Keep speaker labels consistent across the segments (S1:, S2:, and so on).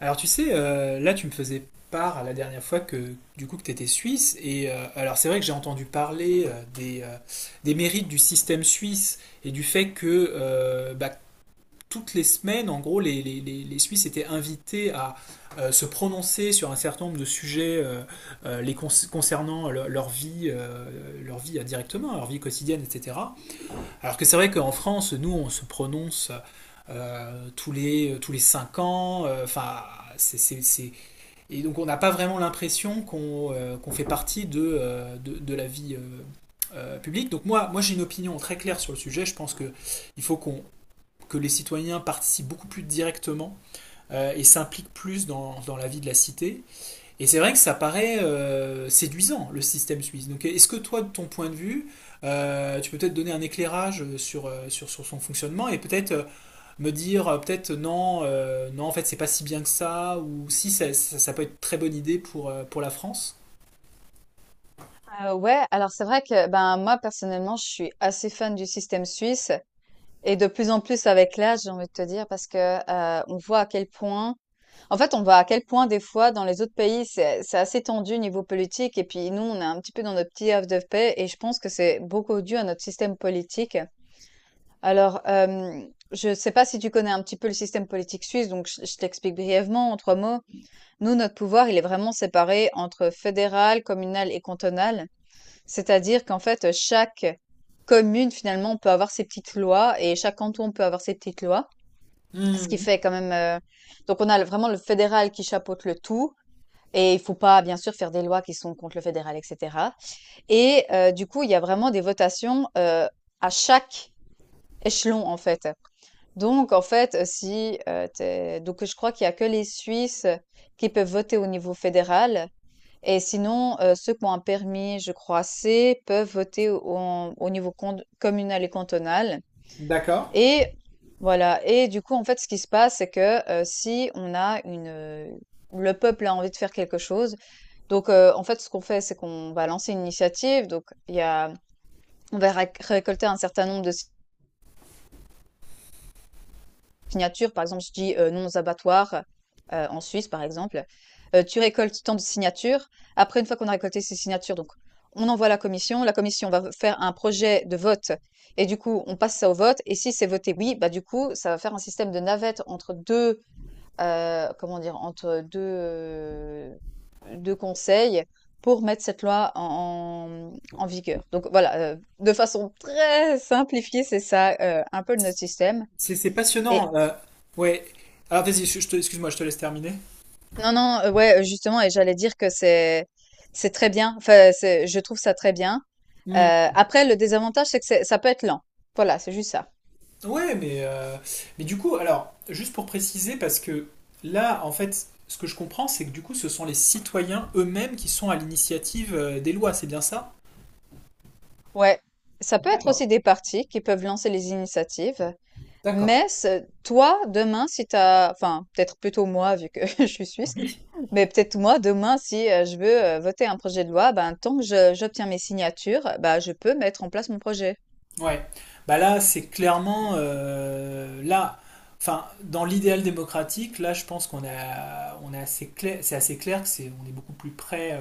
S1: Alors tu sais, là tu me faisais part la dernière fois que du coup que tu étais suisse et alors c'est vrai que j'ai entendu parler des mérites du système suisse et du fait que bah, toutes les semaines en gros les Suisses étaient invités à se prononcer sur un certain nombre de sujets les concernant leur vie directement leur vie quotidienne etc alors que c'est vrai qu'en France, nous, on se prononce tous les cinq ans. Enfin, c'est, c'est- c'est- et donc on n'a pas vraiment l'impression qu'on qu'on fait partie de de la vie publique. Donc moi j'ai une opinion très claire sur le sujet. Je pense que il faut qu'on que les citoyens participent beaucoup plus directement et s'impliquent plus dans la vie de la cité. Et c'est vrai que ça paraît séduisant, le système suisse. Donc est-ce que toi, de ton point de vue, tu peux peut-être donner un éclairage sur son fonctionnement et peut-être me dire, peut-être non, non, en fait, c'est pas si bien que ça, ou si ça peut être très bonne idée pour la France?
S2: Ouais, alors c'est vrai que moi personnellement, je suis assez fan du système suisse et de plus en plus avec l'âge, j'ai envie de te dire parce que on voit à quel point, en fait, on voit à quel point des fois dans les autres pays, c'est assez tendu niveau politique et puis nous, on est un petit peu dans notre petit havre de paix et je pense que c'est beaucoup dû à notre système politique. Alors, euh, je sais pas si tu connais un petit peu le système politique suisse, donc je t'explique brièvement en trois mots. Nous, notre pouvoir, il est vraiment séparé entre fédéral, communal et cantonal. C'est-à-dire qu'en fait, chaque commune, finalement, peut avoir ses petites lois et chaque canton peut avoir ses petites lois. Ce qui
S1: Hmm.
S2: fait quand même. Donc, on a vraiment le fédéral qui chapeaute le tout. Et il faut pas, bien sûr, faire des lois qui sont contre le fédéral, etc. Et du coup, il y a vraiment des votations à chaque échelon, en fait. Donc, en fait, si. T'es- donc, je crois qu'il y a que les Suisses qui peuvent voter au niveau fédéral. Et sinon, ceux qui ont un permis, je crois C, peuvent voter au, en au niveau cond communal et cantonal,
S1: D'accord.
S2: et voilà. Et du coup, en fait, ce qui se passe, c'est que, si on a une, le peuple a envie de faire quelque chose, donc en fait, ce qu'on fait, c'est qu'on va lancer une initiative, donc il y a on va récolter un certain nombre de signatures. Par exemple, je dis non aux abattoirs en Suisse, par exemple. Tu récoltes tant de signatures. Après, une fois qu'on a récolté ces signatures, donc on envoie à la commission. La commission va faire un projet de vote, et du coup, on passe ça au vote. Et si c'est voté oui, du coup, ça va faire un système de navette entre deux, comment dire, entre deux, deux conseils pour mettre cette loi en vigueur. Donc voilà, de façon très simplifiée, c'est ça un peu notre système.
S1: C'est
S2: Et
S1: passionnant. Ouais. Alors vas-y, excuse-moi, je te laisse terminer.
S2: Non, non, ouais, justement, et j'allais dire que c'est très bien. Enfin, c'est, je trouve ça très bien. Après, le désavantage, c'est que ça peut être lent. Voilà, c'est juste ça.
S1: Ouais, mais du coup, alors, juste pour préciser, parce que là, en fait, ce que je comprends, c'est que du coup, ce sont les citoyens eux-mêmes qui sont à l'initiative des lois, c'est bien ça?
S2: Ouais. Ça peut être
S1: D'accord.
S2: aussi des partis qui peuvent lancer les initiatives,
S1: D'accord.
S2: mais toi, demain, si t'as, enfin, peut-être plutôt moi, vu que je suis suisse,
S1: Oui.
S2: mais peut-être moi, demain, si je veux voter un projet de loi, tant que j'obtiens mes signatures, je peux mettre en place mon projet.
S1: Ouais, bah là, c'est clairement là, enfin, dans l'idéal démocratique, là, je pense on est assez clair, c'est assez clair que on est beaucoup plus près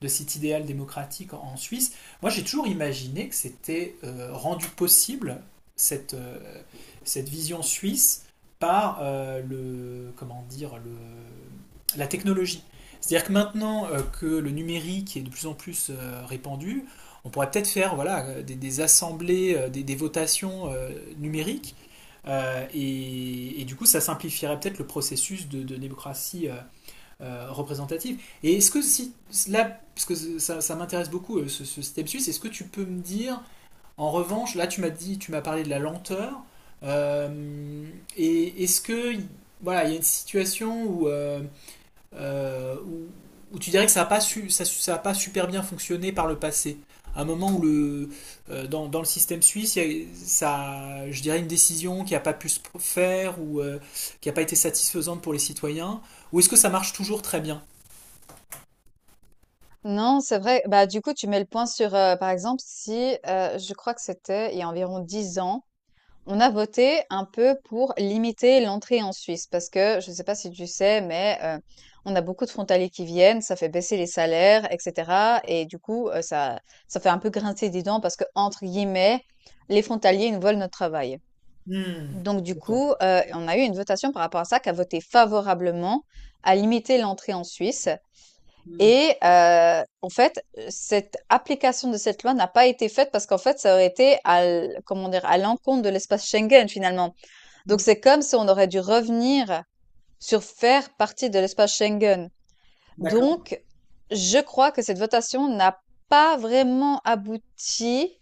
S1: de cet idéal démocratique en Suisse. Moi, j'ai toujours imaginé que c'était rendu possible cette euh, cette vision suisse par le, comment dire, le, la technologie. C'est-à-dire que maintenant que le numérique est de plus en plus répandu, on pourrait peut-être faire voilà, des assemblées, des votations numériques, et du coup, ça simplifierait peut-être le processus de démocratie représentative. Et est-ce que si là, parce que ça m'intéresse beaucoup ce système suisse, est-ce que tu peux me dire, en revanche, là tu m'as dit, tu m'as parlé de la lenteur, euh, et est-ce que voilà, il y a une situation où euh, où, où tu dirais que ça n'a pas, su, ça a pas super bien fonctionné par le passé. À un moment où dans le système suisse, il y a, ça, je dirais une décision qui n'a pas pu se faire ou qui n'a pas été satisfaisante pour les citoyens, ou est-ce que ça marche toujours très bien?
S2: Non, c'est vrai. Du coup, tu mets le point sur, par exemple, si je crois que c'était il y a environ 10 ans, on a voté un peu pour limiter l'entrée en Suisse parce que je ne sais pas si tu sais, mais on a beaucoup de frontaliers qui viennent, ça fait baisser les salaires, etc. Et du coup, ça fait un peu grincer des dents parce que, entre guillemets, les frontaliers nous volent notre travail.
S1: Hmm.
S2: Donc du
S1: D'accord.
S2: coup, on a eu une votation par rapport à ça qui a voté favorablement à limiter l'entrée en Suisse.
S1: Hmm.
S2: Et en fait, cette application de cette loi n'a pas été faite parce qu'en fait, ça aurait été à l comment dire? À l'encontre de l'espace Schengen, finalement. Donc
S1: Hmm.
S2: c'est comme si on aurait dû revenir sur faire partie de l'espace Schengen.
S1: D'accord.
S2: Donc je crois que cette votation n'a pas vraiment abouti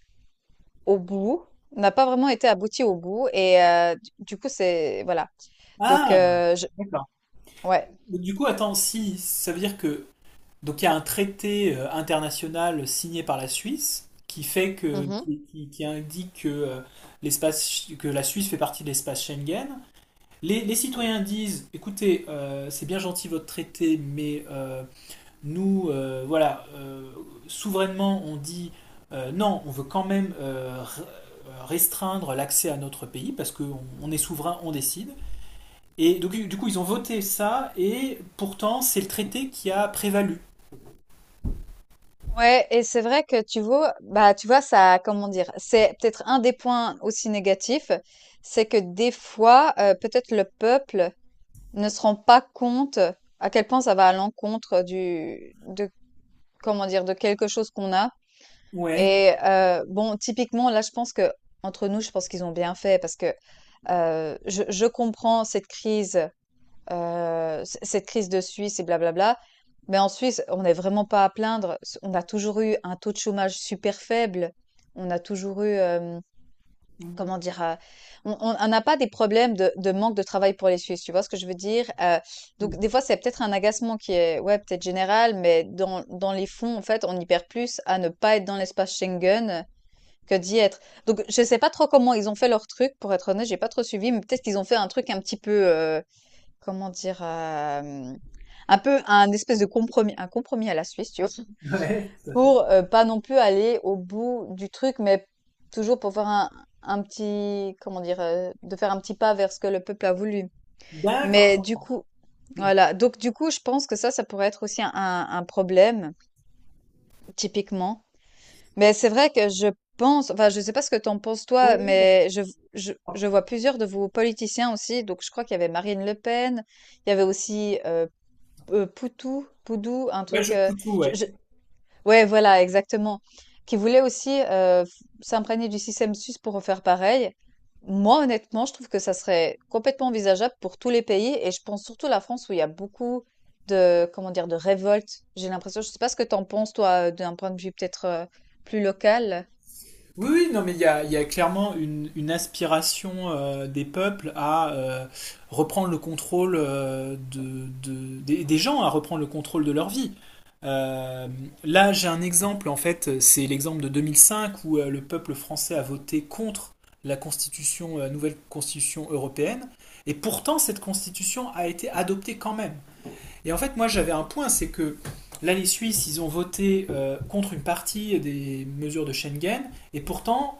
S2: au bout, n'a pas vraiment été aboutie au bout et du coup, c'est voilà. Donc
S1: Ah,
S2: je
S1: d'accord.
S2: Ouais.
S1: Donc, du coup, attends, si ça veut dire que donc il y a un traité international signé par la Suisse qui fait que
S2: Mmh.
S1: qui indique que l'espace que la Suisse fait partie de l'espace Schengen. Les citoyens disent, écoutez, c'est bien gentil votre traité, mais nous, souverainement, on dit non, on veut quand même restreindre l'accès à notre pays parce qu'on on est souverain, on décide. Et donc, du coup, ils ont voté ça, et pourtant, c'est le traité qui a prévalu.
S2: Ouais, et c'est vrai que tu vois, tu vois ça, comment dire, c'est peut-être un des points aussi négatifs, c'est que des fois, peut-être le peuple ne se rend pas compte à quel point ça va à l'encontre de, comment dire, de quelque chose qu'on a.
S1: Ouais.
S2: Et bon, typiquement là, je pense que, entre nous, je pense qu'ils ont bien fait parce que je comprends cette crise, c cette crise de Suisse et blablabla. Mais en Suisse, on n'est vraiment pas à plaindre. S On a toujours eu un taux de chômage super faible. On a toujours eu, comment dire? On n'a pas des problèmes de manque de travail pour les Suisses, tu vois ce que je veux dire? Donc des fois, c'est peut-être un agacement qui est, ouais, peut-être général, mais dans les fonds, en fait, on y perd plus à ne pas être dans l'espace Schengen que d'y être. Donc je sais pas trop comment ils ont fait leur truc, pour être honnête, j'ai pas trop suivi, mais peut-être qu'ils ont fait un truc un petit peu, comment dire? Un peu un espèce de compromis un compromis à la Suisse, tu vois?
S1: Ouais, tout à fait.
S2: Pour, pas non plus aller au bout du truc, mais toujours pour faire un petit, comment dire? De faire un petit pas vers ce que le peuple a voulu. Mais du
S1: D'accord.
S2: coup
S1: Hmm.
S2: voilà, donc du coup, je pense que ça pourrait être aussi un problème, typiquement. Mais c'est vrai que je pense, enfin, je sais pas ce que t'en penses toi,
S1: Oui, oui,
S2: mais je je
S1: d'accord.
S2: je vois plusieurs de vos politiciens aussi, donc je crois qu'il y avait Marine Le Pen, il y avait aussi, Poutou, Poudou, un
S1: Ouais,
S2: truc,
S1: je tout, ouais.
S2: je ouais, voilà, exactement, qui voulait aussi, f s'imprégner du système suisse pour refaire pareil. Moi, honnêtement, je trouve que ça serait complètement envisageable pour tous les pays et je pense surtout à la France où il y a beaucoup de, comment dire, de révolte. J'ai l'impression, je sais pas ce que tu en penses toi, d'un point de vue peut-être, plus local?
S1: Oui, oui, non, mais il y a clairement une aspiration des peuples à reprendre le contrôle des gens, à reprendre le contrôle de leur vie. Euh, Là, j'ai un exemple, en fait, c'est l'exemple de 2005 où le peuple français a voté contre la constitution, la nouvelle constitution européenne, et pourtant cette constitution a été adoptée quand même. Et en fait, moi, j'avais un point, c'est que là, les Suisses, ils ont voté contre une partie des mesures de Schengen, et pourtant,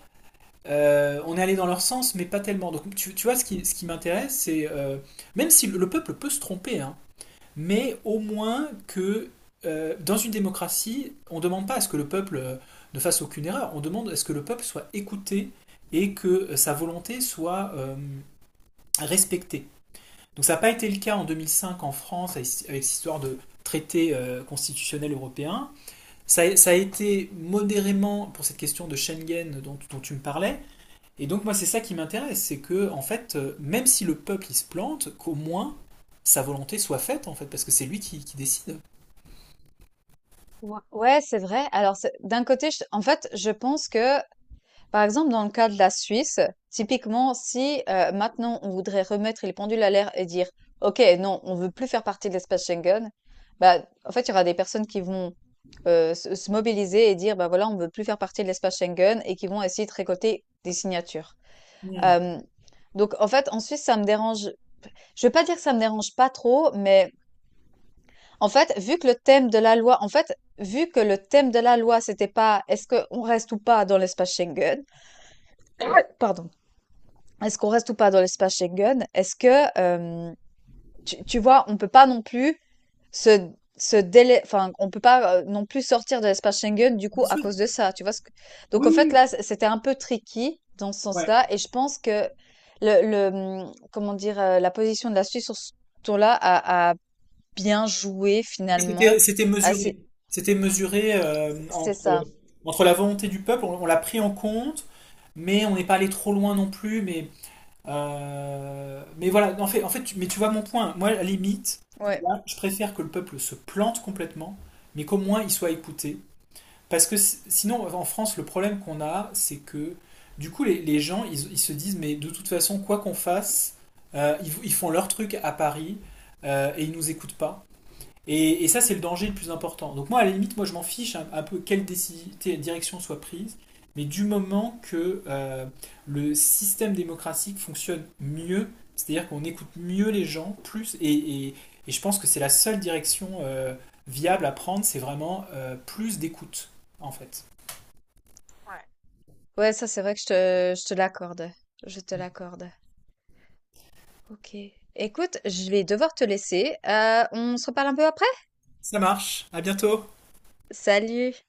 S1: on est allé dans leur sens, mais pas tellement. Donc, tu vois, ce qui m'intéresse, c'est même si le peuple peut se tromper, hein, mais au moins que dans une démocratie, on ne demande pas à ce que le peuple ne fasse aucune erreur, on demande à ce que le peuple soit écouté et que sa volonté soit respectée. Donc ça n'a pas été le cas en 2005 en France avec cette histoire de traité constitutionnel européen. Ça a été modérément pour cette question de Schengen dont tu me parlais. Et donc moi c'est ça qui m'intéresse, c'est que en fait même si le peuple il se plante, qu'au moins sa volonté soit faite en fait parce que c'est lui qui décide.
S2: Ouais. Ouais, c'est vrai. Alors c'est d'un côté, je en fait, je pense que, par exemple, dans le cas de la Suisse, typiquement, si maintenant on voudrait remettre les pendules à l'heure et dire, OK, non, on veut plus faire partie de l'espace Schengen, en fait, il y aura des personnes qui vont se mobiliser et dire, bah voilà, on veut plus faire partie de l'espace Schengen et qui vont essayer de récolter des signatures.
S1: Mmh,
S2: Euh, donc, en fait, en Suisse, ça me dérange. Je vais pas dire que ça me dérange pas trop, mais en fait, vu que le thème de la loi, en fait, vu que le thème de la loi, c'était pas est-ce qu'on reste ou pas dans l'espace Schengen, pardon. Est-ce qu'on reste ou pas dans l'espace Schengen? Euh, tu vois, on peut pas non plus se, on peut pas non plus sortir de l'espace Schengen du coup
S1: bien
S2: à
S1: sûr.
S2: cause de ça. Tu vois ce que... Donc
S1: Oui,
S2: en
S1: oui,
S2: fait
S1: oui.
S2: là, c'était un peu tricky dans ce
S1: Ouais.
S2: sens-là, et je pense que comment dire, la position de la Suisse sur ce tour-là a bien joué
S1: Oui, c'était,
S2: finalement.
S1: c'était
S2: Ah, c'est,
S1: mesuré. C'était mesuré
S2: c'est ça.
S1: entre la volonté du peuple, on l'a pris en compte, mais on n'est pas allé trop loin non plus. Mais voilà, en fait, mais tu vois mon point. Moi, à la limite, tu
S2: Ouais,
S1: vois, je préfère que le peuple se plante complètement, mais qu'au moins il soit écouté. Parce que sinon, en France, le problème qu'on a, c'est que du coup, les gens, ils se disent, mais de toute façon, quoi qu'on fasse, ils font leur truc à Paris et ils nous écoutent pas. Et ça, c'est le danger le plus important. Donc moi, à la limite, moi, je m'en fiche un peu quelle direction soit prise, mais du moment que le système démocratique fonctionne mieux, c'est-à-dire qu'on écoute mieux les gens, plus, et je pense que c'est la seule direction viable à prendre, c'est vraiment plus d'écoute, en fait.
S2: Ouais. Ouais, ça c'est vrai que je te l'accorde. Je te l'accorde. Ok. Écoute, je vais devoir te laisser. On se reparle un peu après?
S1: Ça marche, à bientôt.
S2: Salut!